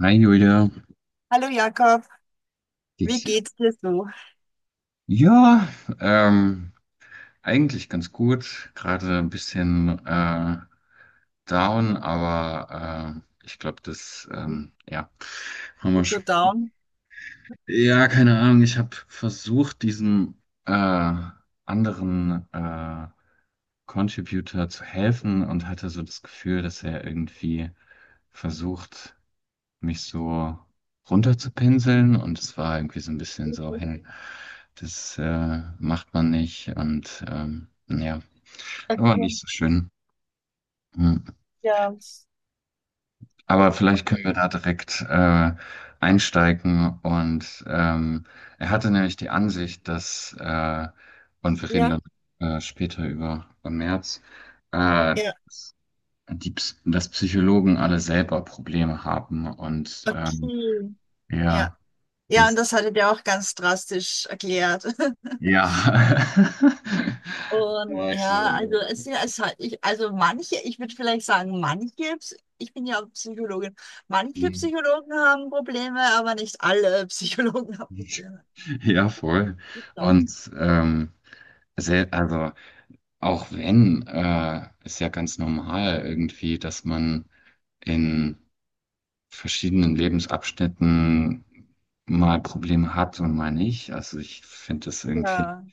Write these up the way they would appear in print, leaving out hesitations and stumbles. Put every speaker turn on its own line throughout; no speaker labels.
Hi Julia,
Hallo Jakob, wie
geht's dir?
geht's dir so?
Ja, ähm, eigentlich ganz gut. Gerade ein bisschen down, aber ich glaube, ja, haben wir
Bist du so
schon.
down?
Ja, keine Ahnung. Ich habe versucht, diesem anderen Contributor zu helfen und hatte so das Gefühl, dass er irgendwie versucht, mich so runterzupinseln, und es war irgendwie so ein bisschen so,
Okay.
hey, das macht man nicht, und ja, war
Okay.
nicht so schön. Hm.
Ja.
Aber vielleicht können wir da direkt einsteigen, und er hatte nämlich die Ansicht, dass und wir reden dann
Ja.
später über im März, äh,
Ja.
die, dass Psychologen alle selber Probleme haben, und
Okay. Ja.
ja,
Ja, und
das
das hattet ihr auch ganz drastisch erklärt.
Ja.
Und
Magst
ja, also
so.
es, ist ja, es hat ich, also manche, ich würde vielleicht sagen, manche, Ps- ich bin ja Psychologin, manche
Mhm.
Psychologen haben Probleme, aber nicht alle Psychologen haben Probleme.
Ja, voll. Und also auch wenn, ist ja ganz normal irgendwie, dass man in verschiedenen Lebensabschnitten mal Probleme hat und mal nicht. Also ich finde das irgendwie,
Ja,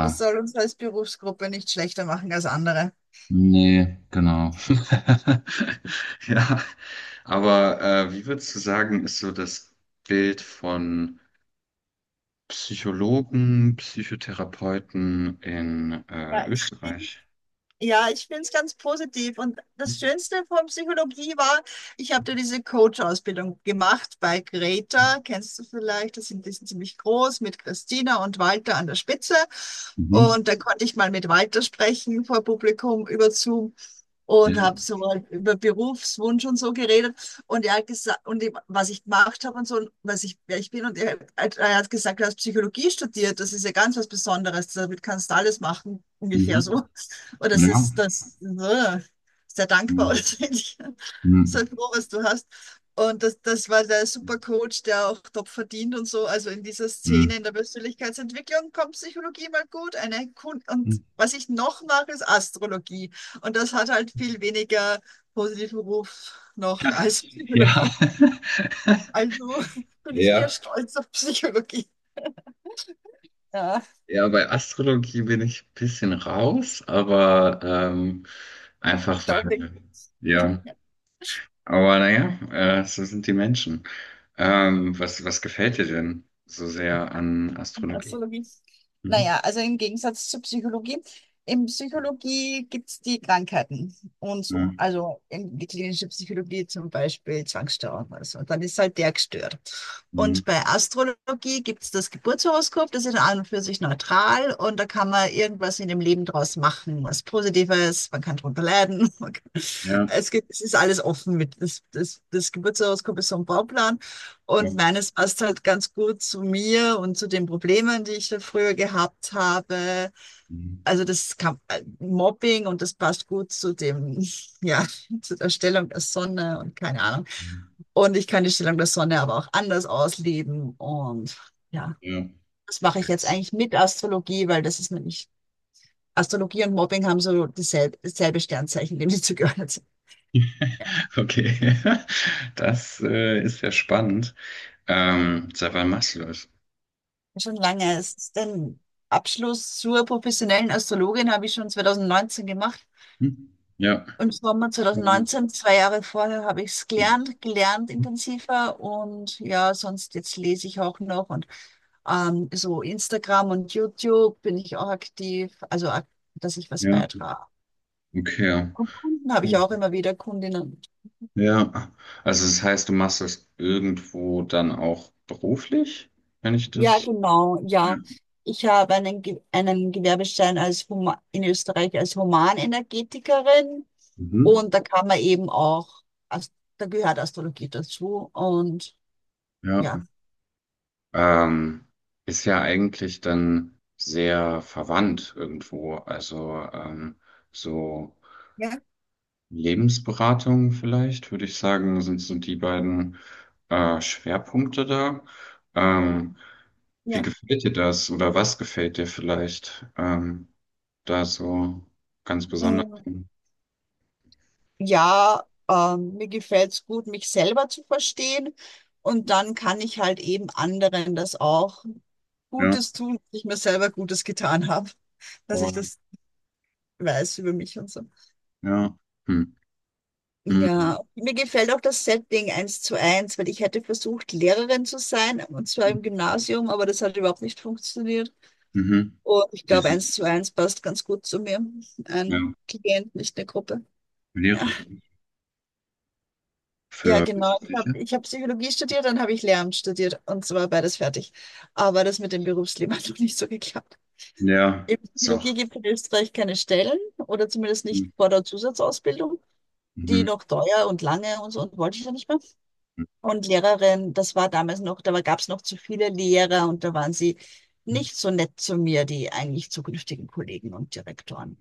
das soll uns als Berufsgruppe nicht schlechter machen als andere.
nee, genau. Ja, aber wie würdest du sagen, ist so das Bild von Psychologen, Psychotherapeuten in
Ja, ich bin.
Österreich?
Ja, ich finde es ganz positiv. Und das Schönste von Psychologie war, ich habe da diese Coach-Ausbildung gemacht bei Greta. Kennst du vielleicht? Das sind, die sind ziemlich groß mit Christina und Walter an der Spitze.
Mhm.
Und da konnte ich mal mit Walter sprechen vor Publikum über Zoom und habe
Ja.
so mal über Berufswunsch und so geredet und er hat gesagt und ich, was ich gemacht habe und so und was ich wer ich bin und er hat gesagt, du hast Psychologie studiert, das ist ja ganz was Besonderes, damit kannst du alles machen ungefähr so,
Mhm.
und das
Ja.
ist das sehr dankbar oder
Mhm.
so ähnlich.
Mhm.
Sei froh, was du hast. Und das, das war der super Coach, der auch top verdient und so. Also in dieser
Mhm.
Szene in der Persönlichkeitsentwicklung kommt Psychologie mal gut. Eine Kun und was ich noch mache, ist Astrologie. Und das hat halt viel weniger positiven Ruf noch als
Ja.
Psychologie. Also bin ich eher
Ja,
stolz auf Psychologie. Ja.
ja, bei Astrologie bin ich ein bisschen raus, aber
Ich
einfach
glaube, nicht.
weil, ja, aber naja, so sind die Menschen. Was, was gefällt dir denn so sehr an Astrologie?
Astrologie.
Mhm.
Naja, also im Gegensatz zur Psychologie. In Psychologie gibt es die Krankheiten und so.
Mhm.
Also in die klinische Psychologie zum Beispiel Zwangsstörung oder so. Dann ist halt der gestört.
Mhm.
Und bei Astrologie gibt es das Geburtshoroskop, das ist an und für sich neutral und da kann man irgendwas in dem Leben draus machen, was Positives, man kann drunter leiden. Man kann,
Ja.
es gibt, es ist alles offen mit. Das Geburtshoroskop ist so ein Bauplan.
Ja.
Und meines passt halt ganz gut zu mir und zu den Problemen, die ich da früher gehabt habe.
Mhm.
Also das kam, Mobbing und das passt gut zu dem, ja, zu der Stellung der Sonne und keine Ahnung.
Mhm.
Und ich kann die Stellung der Sonne aber auch anders ausleben. Und ja,
Ja.
das mache ich jetzt eigentlich mit Astrologie, weil das ist nämlich, Astrologie und Mobbing haben so dieselbe, dasselbe Sternzeichen, dem sie zugehört sind.
Okay, das ist ja spannend. Seit wann machst du das?
Schon lange. Es ist den Abschluss zur professionellen Astrologin habe ich schon 2019 gemacht.
Hm? Ja.
Im Sommer
Ähm,
2019, zwei Jahre vorher, habe ich es gelernt, gelernt intensiver und ja, sonst jetzt lese ich auch noch und so Instagram und YouTube bin ich auch aktiv, also ak- dass ich was
ja,
beitrage.
okay.
Und Kunden habe ich
Cool.
auch immer wieder Kundinnen.
Ja, also das heißt, du machst das irgendwo dann auch beruflich, wenn ich
Ja,
das.
genau,
Ja.
ja. Ich habe einen, Ge- einen Gewerbeschein als Huma in Österreich als Humanenergetikerin
Mhm.
und da kann man eben auch, Ast- da gehört Astrologie dazu und
Ja.
ja.
Ähm, ist ja eigentlich dann sehr verwandt irgendwo. Also so.
Ja,
Lebensberatung vielleicht, würde ich sagen, sind so die beiden Schwerpunkte da. Ähm, wie
ja.
gefällt dir das, oder was gefällt dir vielleicht da so ganz besonders?
Ja, mir gefällt's gut, mich selber zu verstehen. Und dann kann ich halt eben anderen das auch
Ja,
Gutes tun, dass ich mir selber Gutes getan habe, dass ich
voll,
das weiß über mich und so.
ja. Hm. Mhm.
Ja, mir gefällt auch das Setting eins zu eins, weil ich hätte versucht, Lehrerin zu sein, und zwar im Gymnasium, aber das hat überhaupt nicht funktioniert.
Mhm.
Und ich glaube,
Wieso?
eins zu eins passt ganz gut zu mir.
Ja,
Ein Klient, nicht eine Gruppe. Ja.
Lehrerin.
Ja,
Für
genau.
welche
Ich habe
Fläche?
ich hab Psychologie studiert, dann habe ich Lehramt studiert und zwar beides fertig. Aber das mit dem Berufsleben hat noch nicht so geklappt.
Ja,
In
ist
Psychologie
auch.
gibt es in Österreich keine Stellen oder zumindest nicht
Mhm.
vor der Zusatzausbildung. Die
Mhm.
noch teuer und lange und so und wollte ich ja nicht mehr. Und Lehrerin, das war damals noch, da gab es noch zu viele Lehrer und da waren sie nicht so nett zu mir, die eigentlich zukünftigen Kollegen und Direktoren.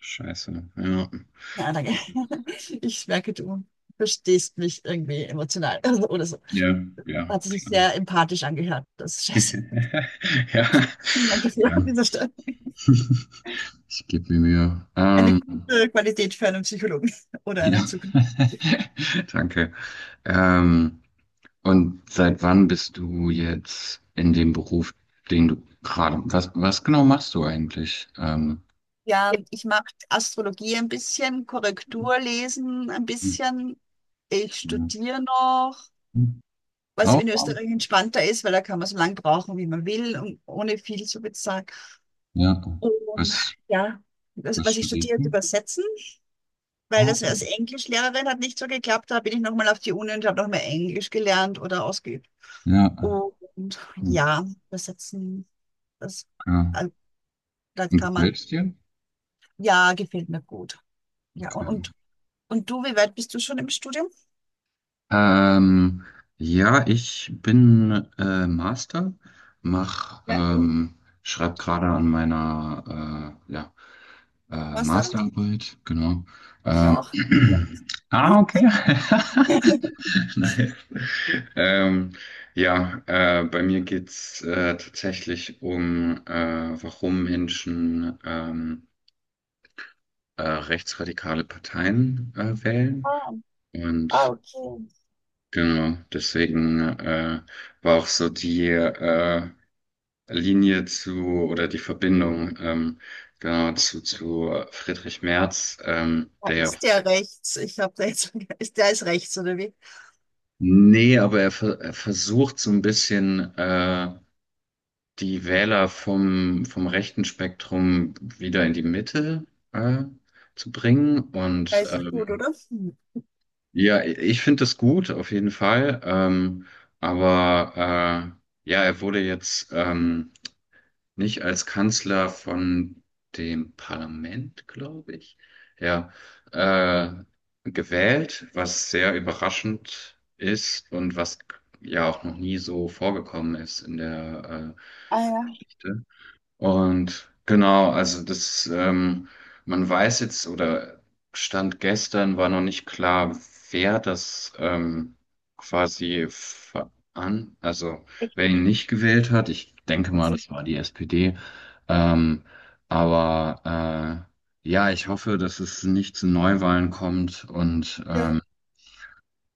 Scheiße. Ja.
Ja, danke. Ich merke, du verstehst mich irgendwie emotional oder so.
Ja, ja,
Hat sich
klar.
sehr empathisch angehört. Das ist scheiße.
Ja,
Vielen Dank dafür an
ja,
dieser Stelle.
ich gebe mir Mühe.
Eine gute Qualität für einen Psychologen oder einen
Ja,
Zukunft.
danke. Ähm, und seit wann bist du jetzt in dem Beruf, den du gerade, was, was genau machst du eigentlich?
Ja, ich mache Astrologie ein bisschen, Korrekturlesen ein bisschen. Ich
Ja.
studiere noch, was
Auch?
in Österreich entspannter ist, weil da kann man so lange brauchen, wie man will und ohne viel zu bezahlen.
Ja.
Und
Was,
ja, das,
was
was ich
studierst
studiert,
du?
übersetzen, weil
Oh.
das als Englischlehrerin hat nicht so geklappt. Da bin ich nochmal auf die Uni und habe noch mehr Englisch gelernt oder ausgeübt.
Ja,
Und
okay.
ja, das setzen, das, äh, da
Und
kann
gefällt
man,
es dir?
ja, gefällt mir gut. Ja, und,
Okay.
und, und du, wie weit bist du schon im Studium?
Ähm, ja, ich bin Master, mach,
Ja,
ähm, schreib gerade an meiner ja,
was dann?
Masterarbeit, genau.
Ich
Ähm,
auch. Ja.
ah, okay.
Mhm.
Nice. Ähm, ja, bei mir geht's tatsächlich um, warum Menschen rechtsradikale Parteien wählen.
Ah, ah,
Und
okay.
genau, deswegen war auch so die Linie zu oder die Verbindung genau zu Friedrich Merz,
Da
der ja,
ist der rechts. Ich habe da jetzt, ist der ist rechts, oder wie?
nee, aber er versucht so ein bisschen die Wähler vom, vom rechten Spektrum wieder in die Mitte äh, zu bringen. Und
Weiß ich gut, oder? Hm.
ja, ich finde das gut, auf jeden Fall. Aber ja, er wurde jetzt. Nicht als Kanzler von dem Parlament, glaube ich, ja, äh, gewählt, was sehr überraschend ist und was ja auch noch nie so vorgekommen ist in der
Ah ja,
Geschichte. Und genau, also das, man weiß jetzt oder Stand gestern war noch nicht klar, wer das quasi also
echt.
wer ihn nicht gewählt hat. Ich denke mal,
Also,
das war die SPD. Ähm, aber ja, ich hoffe, dass es nicht zu Neuwahlen kommt und
ja.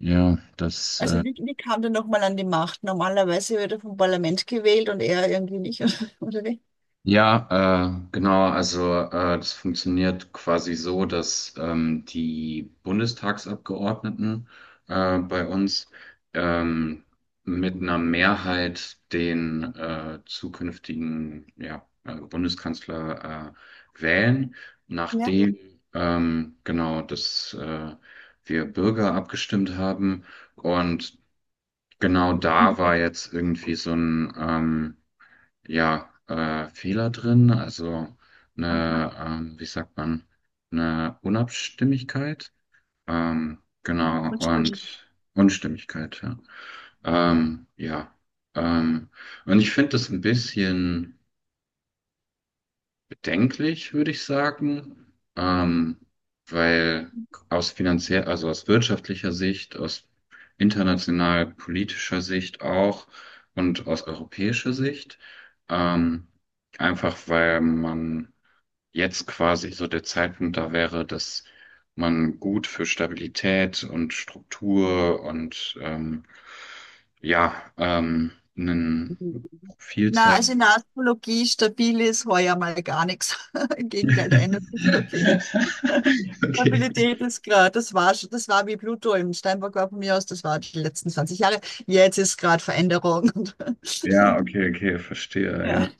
ja, dass
Also wie, wie kam der nochmal an die Macht? Normalerweise wird er vom Parlament gewählt und er irgendwie nicht, oder wie?
ja, genau. Also das funktioniert quasi so, dass die Bundestagsabgeordneten bei uns ähm, mit einer Mehrheit den zukünftigen ja, Bundeskanzler wählen,
Ja.
nachdem genau, dass wir Bürger abgestimmt haben. Und genau, da war
Mhm.
jetzt irgendwie so ein ja, Fehler drin, also
Also,
eine, wie sagt man, eine Unabstimmigkeit, genau,
man stimmt mich.
und Unstimmigkeit, ja. Ja. Ähm, und ich finde das ein bisschen bedenklich, würde ich sagen, weil aus finanziell, also aus wirtschaftlicher Sicht, aus international politischer Sicht auch und aus europäischer Sicht, ähm, einfach weil man jetzt quasi so der Zeitpunkt da wäre, dass man gut für Stabilität und Struktur und ja, ähm, einen Profil
Na,
zeigt.
also in der Astrologie stabil ist heuer mal gar nichts. Im Gegenteil, da ändert sich so viel.
Okay.
Stabilität ist gerade, das war schon, das war wie Pluto im Steinbock war von mir aus, das war die letzten 20 Jahre. Jetzt ist gerade Veränderung. Und,
Ja, okay, okay, verstehe,
ja.
ja.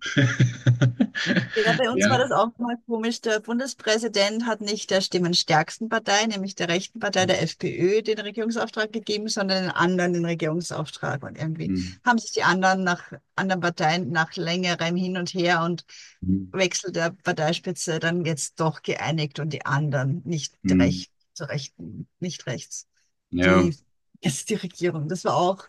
Ja, bei uns war
Ja.
das auch mal komisch. Der Bundespräsident hat nicht der stimmenstärksten Partei, nämlich der rechten Partei, der FPÖ, den Regierungsauftrag gegeben, sondern den anderen den Regierungsauftrag. Und irgendwie
Mhm.
haben sich die anderen nach anderen Parteien nach längerem Hin und Her und
Mhm.
Wechsel der Parteispitze dann jetzt doch geeinigt und die anderen nicht
Mhm.
recht, zu rechten, nicht rechts.
Ja.
Die jetzt die Regierung. Das war auch,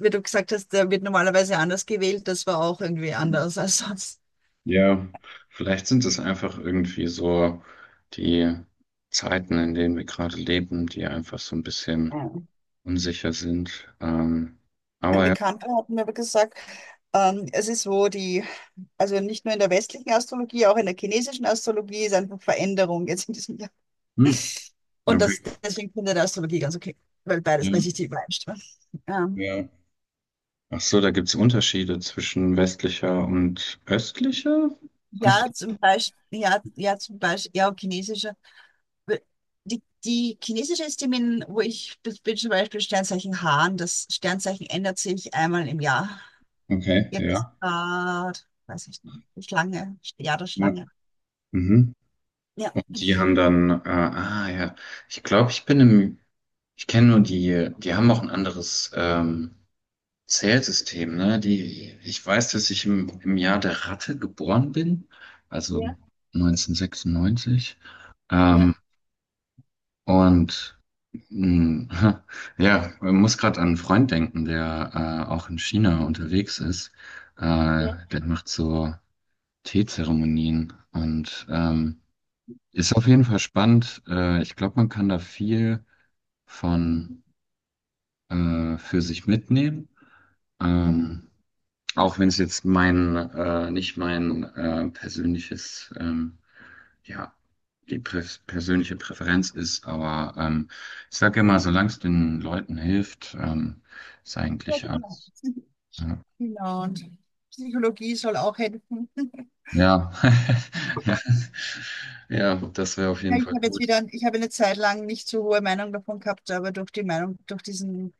wie du gesagt hast, der wird normalerweise anders gewählt. Das war auch irgendwie
Mhm.
anders als sonst.
Ja. Vielleicht sind es einfach irgendwie so die Zeiten, in denen wir gerade leben, die einfach so ein bisschen unsicher sind.
Ein
Aber ja.
Bekannter hat mir aber gesagt, es ist so, die, also nicht nur in der westlichen Astrologie, auch in der chinesischen Astrologie ist einfach Veränderung jetzt in diesem Jahr.
Hm,
Und
okay.
das, deswegen finde ich die Astrologie ganz okay, weil
Ja,
beides, weil sich die übereinstimmen. Ähm,
ja. Ach so, da gibt's Unterschiede zwischen westlicher und östlicher? Ach so.
ja, zum Beispiel, ja, ja, zum Beispiel, ja, chinesische. Die, die chinesische ist die, mit- wo ich bin, bin zum Beispiel Sternzeichen Hahn. Das Sternzeichen ändert sich einmal im Jahr.
Okay,
Jetzt ist
ja.
grad, weiß ich nicht, die Schlange, Jahr der
Ja.
Schlange.
Mhm.
Ja.
Und die haben dann, ah ja, ich glaube, ich bin im, ich kenne nur die, die haben auch ein anderes Zählsystem, ne? Die, ich weiß, dass ich im, im Jahr der Ratte geboren bin, also
Ja,
1996.
ja,
Ähm, und mh, ja, man muss gerade an einen Freund denken, der auch in China unterwegs ist.
ja.
Der macht so Teezeremonien und ist auf jeden Fall spannend. Ich glaube, man kann da viel von für sich mitnehmen. Ähm, auch wenn es jetzt mein, nicht mein persönliches, ja, die prä persönliche Präferenz ist, aber ich sage immer, solange es den Leuten hilft, ist
Ja,
eigentlich
genau.
alles. Ja,
Genau. Und Psychologie soll auch helfen. Ja,
ja, ja, ja, das wäre auf jeden
ich
Fall
habe jetzt
gut.
wieder, ich habe eine Zeit lang nicht so hohe Meinung davon gehabt, aber durch die Meinung, durch diesen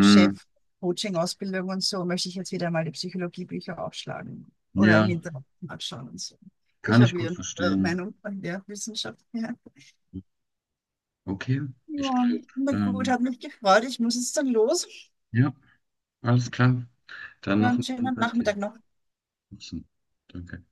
Chef Coaching-Ausbildung und so, möchte ich jetzt wieder mal die Psychologiebücher aufschlagen oder
ja,
im Internet anschauen und so. Ich
kann
habe
ich gut
wieder eine
verstehen.
Meinung von der Wissenschaft. Ja.
Okay, ich
Ja,
glaube,
na gut,
ähm,
hat mich gefreut. Ich muss jetzt dann los.
ja, alles klar. Dann
Ja,
noch
einen
einen schönen
schönen
Tag dir.
Nachmittag noch.
Danke.